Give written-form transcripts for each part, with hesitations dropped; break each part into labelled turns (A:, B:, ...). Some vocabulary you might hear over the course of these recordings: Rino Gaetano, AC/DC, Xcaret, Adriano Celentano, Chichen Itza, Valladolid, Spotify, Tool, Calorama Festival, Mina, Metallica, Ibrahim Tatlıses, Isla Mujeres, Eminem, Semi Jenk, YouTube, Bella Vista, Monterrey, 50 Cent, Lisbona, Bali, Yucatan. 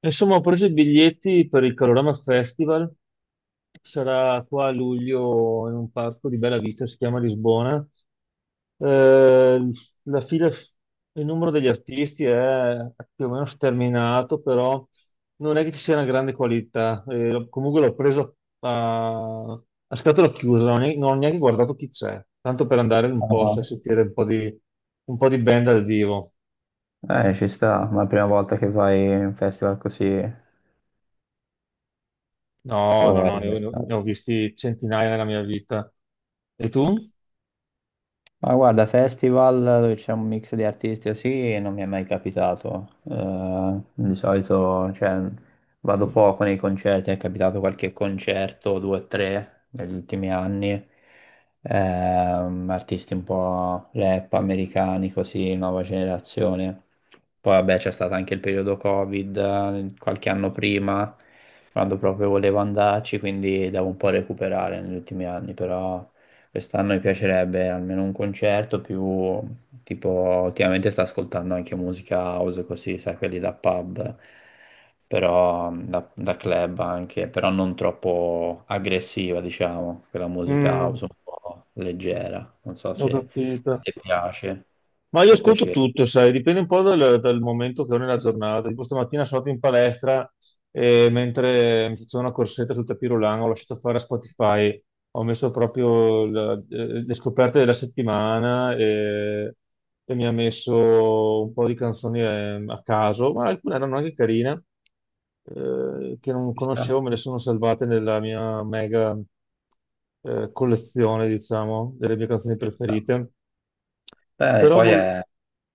A: Insomma, ho preso i biglietti per il Calorama Festival, sarà qua a luglio in un parco di Bella Vista, si chiama Lisbona. Eh, la fila, il numero degli artisti è più o meno sterminato, però non è che ci sia una grande qualità. Comunque l'ho preso a scatola chiusa, non ho neanche guardato chi c'è, tanto per andare un po' a
B: No.
A: sentire un po' di band dal vivo.
B: Ci sta, ma è la prima volta che vai in un festival così
A: No, no,
B: o è
A: no, ne
B: il
A: ho, ne
B: caso?
A: ho visti centinaia nella mia vita. E tu?
B: Ma guarda, festival dove c'è un mix di artisti così non mi è mai capitato. Di solito, cioè, vado poco nei concerti, è capitato qualche concerto, due o tre, negli ultimi anni. Artisti un po' rap americani, così, nuova generazione. Poi vabbè c'è stato anche il periodo Covid, qualche anno prima, quando proprio volevo andarci, quindi devo un po' recuperare negli ultimi anni, però... Quest'anno mi piacerebbe almeno un concerto più tipo ultimamente sto ascoltando anche musica house così, sai, quelli da pub, però da club anche, però non troppo aggressiva, diciamo, quella musica
A: Mm,
B: house un po' leggera. Non so
A: ho
B: se
A: capito.
B: a te piace,
A: Ma io
B: può
A: ascolto
B: piacere.
A: tutto, sai, dipende un po' dal momento che ho nella giornata. Tipo stamattina sono andato in palestra e mentre mi facevo una corsetta tutta pirulana, ho lasciato fare a Spotify, ho messo proprio le scoperte della settimana e mi ha messo un po' di canzoni a caso, ma alcune erano anche carine, che non
B: Ci sta,
A: conoscevo, me le sono salvate nella mia mega collezione, diciamo, delle mie canzoni
B: ci sta.
A: preferite.
B: Beh,
A: Però vol-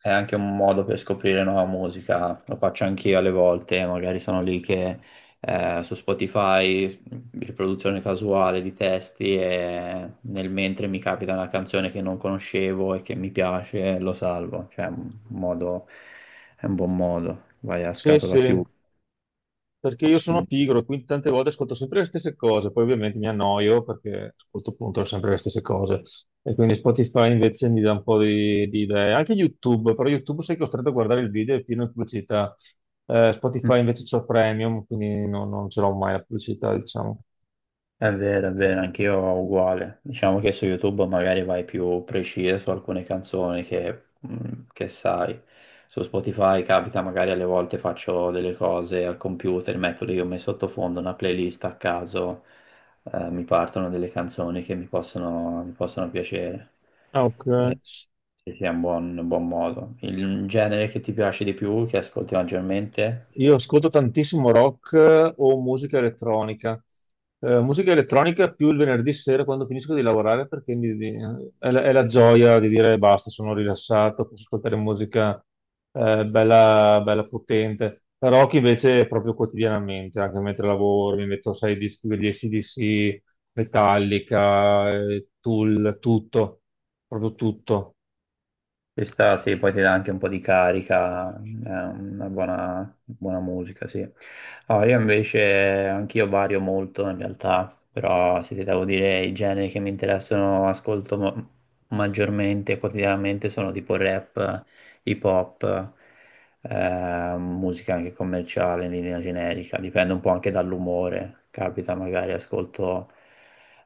B: è anche un modo per scoprire nuova musica, lo faccio anch'io alle volte, magari sono lì che su Spotify, riproduzione casuale di testi e nel mentre mi capita una canzone che non conoscevo e che mi piace, lo salvo, cioè è un modo, è un buon modo, vai a
A: sì,
B: scatola
A: sì,
B: chiusa.
A: perché io sono
B: quindi-
A: pigro, quindi tante volte ascolto sempre le stesse cose, poi ovviamente mi annoio perché ascolto appunto sempre le stesse cose e quindi Spotify invece mi dà un po' di idee. Anche YouTube, però YouTube sei costretto a guardare il video e pieno di pubblicità. Spotify invece c'ho Premium, quindi non ce l'ho mai la pubblicità, diciamo.
B: È vero, anch'io uguale. Diciamo che su YouTube magari vai più preciso su alcune canzoni che sai. Su Spotify capita, magari alle volte faccio delle cose al computer, metto lì come sottofondo una playlist a caso, mi partono delle canzoni che mi mi possono piacere.
A: Ah, ok.
B: E sì, sì, è un buon modo. Il genere che ti piace di più, che ascolti maggiormente?
A: Io ascolto tantissimo rock o musica elettronica. Musica elettronica più il venerdì sera quando finisco di lavorare perché è la gioia di dire basta, sono rilassato, posso ascoltare musica bella, bella potente. La rock invece è proprio quotidianamente, anche mentre lavoro, mi metto sei dischi degli AC/DC, Metallica, Tool, tutto, proprio tutto.
B: Ci sta, sì, poi ti dà anche un po' di carica, è una buona, buona musica, sì. Ah, io invece, anch'io vario molto in realtà, però se ti devo dire i generi che mi interessano, maggiormente, quotidianamente, sono tipo rap, hip hop, musica anche commerciale in linea generica, dipende un po' anche dall'umore, capita magari ascolto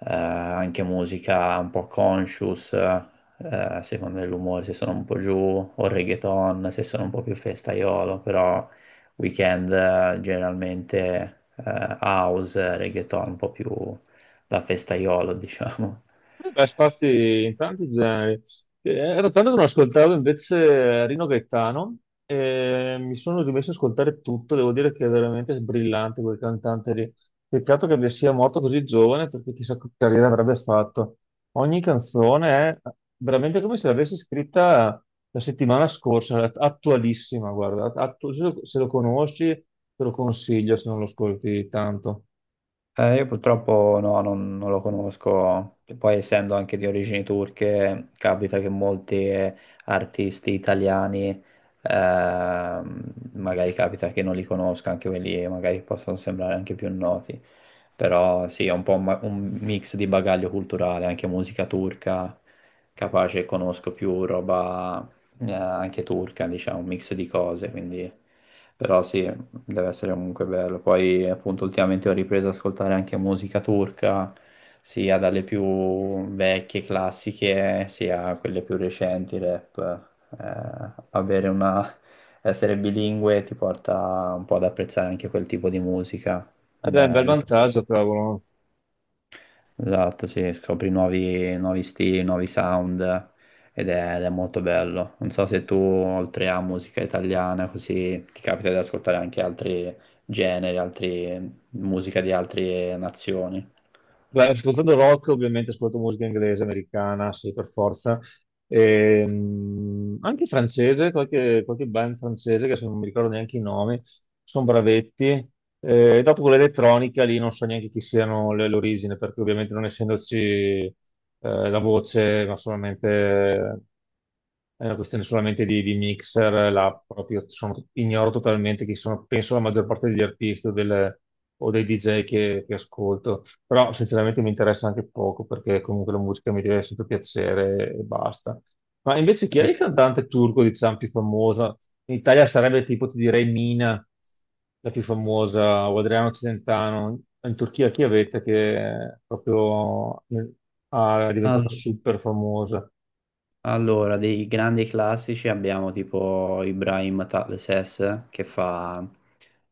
B: anche musica un po' conscious secondo l'umore, se sono un po' giù, o reggaeton, se sono un po' più festaiolo, però weekend generalmente house, reggaeton, un po' più da festaiolo, diciamo.
A: Beh, spazi in tanti generi. Ero tanto che non ascoltavo invece Rino Gaetano e mi sono rimesso ad ascoltare tutto. Devo dire che è veramente brillante quel cantante lì. Peccato sia morto così giovane perché chissà che carriera avrebbe fatto. Ogni canzone è veramente come se l'avessi scritta la settimana scorsa, attualissima, guarda. Se lo conosci, te lo consiglio se non lo ascolti tanto.
B: Io purtroppo no, non lo conosco. E poi essendo anche di origini turche, capita che molti artisti italiani, magari capita che non li conosca, anche quelli magari possono sembrare anche più noti. Però sì, è un po' un mix di bagaglio culturale, anche musica turca, capace conosco più roba anche turca, diciamo, un mix di cose, quindi... Però sì, deve essere comunque bello. Poi appunto ultimamente ho ripreso ad ascoltare anche musica turca, sia dalle più vecchie classiche, sia quelle più recenti, rap. Avere una... essere bilingue ti porta un po' ad apprezzare anche quel tipo di musica
A: Ed è un bel
B: del
A: vantaggio, cavolo.
B: Esatto, sì, scopri nuovi, nuovi stili, nuovi sound ed è molto bello. Non so se tu, oltre a musica italiana, così ti capita di ascoltare anche altri generi, altri, musica di altre nazioni.
A: Beh, ascoltando rock, ovviamente ascolto musica inglese, americana, sì, per forza. Anche francese, qualche band francese, che se non mi ricordo neanche i nomi, sono bravetti. Dopo con l'elettronica lì non so neanche chi siano l'origine, perché ovviamente non essendoci la voce, ma solamente è una questione solamente di mixer, là proprio ignoro totalmente chi sono, penso la maggior parte degli artisti o dei DJ che ascolto, però sinceramente mi interessa anche poco perché comunque la musica mi deve sempre piacere e basta. Ma invece chi è
B: Eh,
A: il cantante turco, diciamo, più famoso? In Italia sarebbe tipo, ti direi, Mina, la più famosa, o Adriano Celentano. In Turchia chi avete che è proprio è
B: Ah.
A: diventata super famosa?
B: Allora, dei grandi classici abbiamo tipo Ibrahim Tatlıses che fa,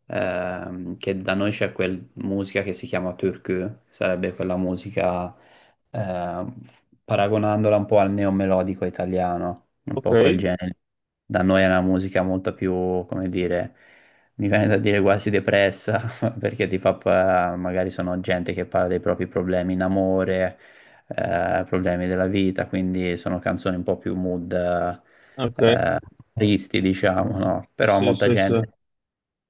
B: che da noi c'è quella musica che si chiama türkü, sarebbe quella musica ehm, paragonandola un po' al neomelodico italiano, un
A: Ok.
B: po' quel genere. Da noi è una musica molto più, come dire, mi viene da dire quasi depressa, perché ti fa, pa- magari sono gente che parla dei propri problemi in amore, problemi della vita, quindi sono canzoni un po' più mood,
A: Ok,
B: eh, tristi, diciamo, no? Però
A: sì,
B: molta
A: sì, sì.
B: gente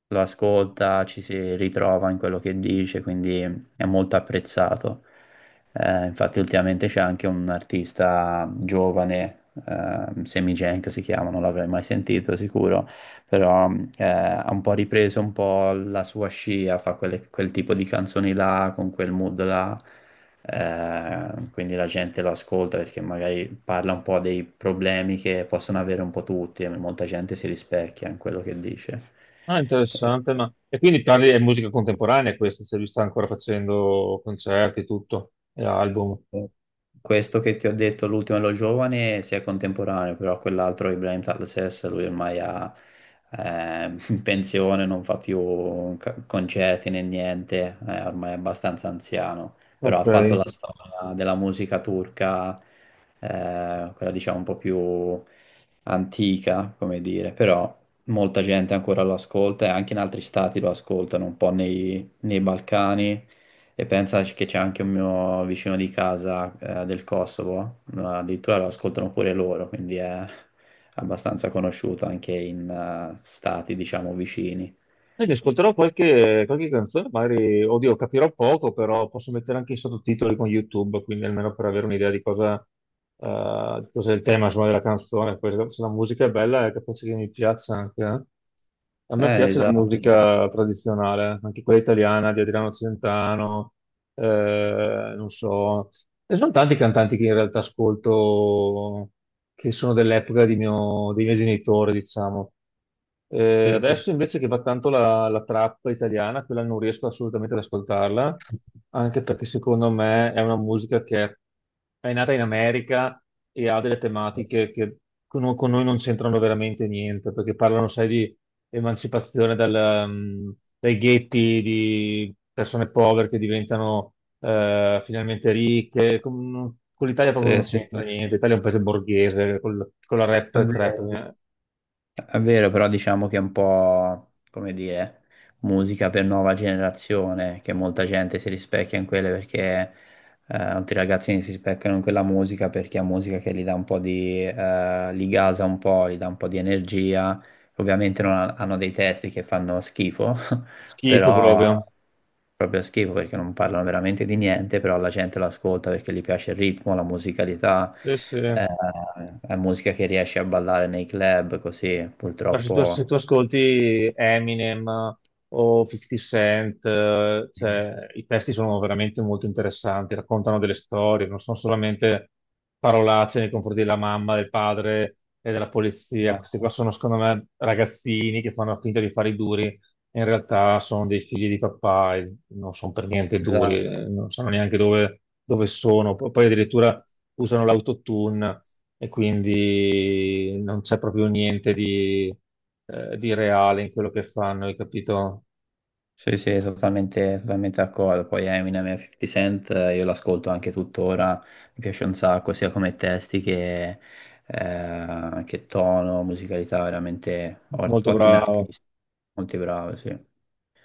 B: lo ascolta, ci si ritrova in quello che dice, quindi è molto apprezzato. Infatti ultimamente c'è anche un artista giovane, Semi Jenk si chiama, non l'avrei mai sentito sicuro, però ha un po' ripreso un po' la sua scia, fa quel tipo di canzoni là, con quel mood là quindi la gente lo ascolta perché magari parla un po' dei problemi che possono avere un po' tutti e molta gente si rispecchia in quello che dice.
A: Ah, interessante, ma... E quindi parli di musica contemporanea questa, se lui sta ancora facendo concerti, tutto, e album.
B: Questo che ti ho detto, l'ultimo è lo giovane, si è contemporaneo, però quell'altro, Ibrahim Tatlases, lui ormai ha in pensione, non fa più concerti né niente, è ormai è abbastanza anziano, però ha
A: Ok.
B: fatto la storia della musica turca, quella diciamo un po' più antica, come dire, però molta gente ancora lo ascolta e anche in altri stati lo ascoltano, un po' nei Balcani. E pensa che c'è anche un mio vicino di casa del Kosovo, addirittura lo ascoltano pure loro, quindi è abbastanza conosciuto anche in stati, diciamo, vicini.
A: E mi ascolterò qualche canzone, magari, oddio, capirò poco, però posso mettere anche i sottotitoli con YouTube, quindi almeno per avere un'idea di cosa è il tema, insomma, della canzone. Poi, se la musica è bella, è capace che mi piaccia anche. A me piace la
B: Esatto, esatto.
A: musica tradizionale, anche quella italiana di Adriano Celentano, non so. E sono tanti cantanti che in realtà ascolto, che sono dell'epoca dei miei genitori, diciamo.
B: Sì, sì,
A: Adesso invece che va tanto la trap italiana, quella non riesco assolutamente ad ascoltarla, anche perché secondo me è una musica che è nata in America e ha delle tematiche che con noi non c'entrano veramente niente, perché parlano, sai, di emancipazione dai ghetti, di persone povere che diventano finalmente ricche. Con l'Italia proprio non
B: sì, sì, sì.
A: c'entra niente. L'Italia è un paese borghese, con la rap
B: È
A: e trap,
B: vero, è vero, però diciamo che è un po', come dire, musica per nuova generazione, che molta gente si rispecchia in quelle perché molti ragazzini si specchiano in quella musica perché è musica che gli dà un po' di, li gasa un po', gli dà un po' di energia. Ovviamente non ha- hanno dei testi che fanno schifo,
A: schifo
B: però
A: proprio.
B: proprio schifo perché non parlano veramente di niente, però la gente lo ascolta perché gli piace il ritmo, la musicalità,
A: Sì, sì.
B: eh, è musica che riesce a ballare nei club, così
A: Ma se tu
B: purtroppo...
A: ascolti Eminem o 50 Cent, cioè, i testi sono veramente molto interessanti, raccontano delle storie, non sono solamente parolacce nei confronti della mamma, del padre e della polizia. Questi qua sono, secondo me, ragazzini che fanno finta di fare i duri, e in realtà sono dei figli di papà e non sono per niente duri,
B: Esatto.
A: non sanno neanche dove sono. Poi addirittura usano l'autotune e quindi non c'è proprio niente di reale in quello che fanno, hai capito?
B: Sì, sì, totalmente, totalmente d'accordo. Poi Eminem e 50 Cent, io l'ascolto anche tuttora, mi piace un sacco, sia come testi che tono, musicalità, veramente
A: Molto
B: ottimi
A: bravo.
B: artisti, molto bravi, sì.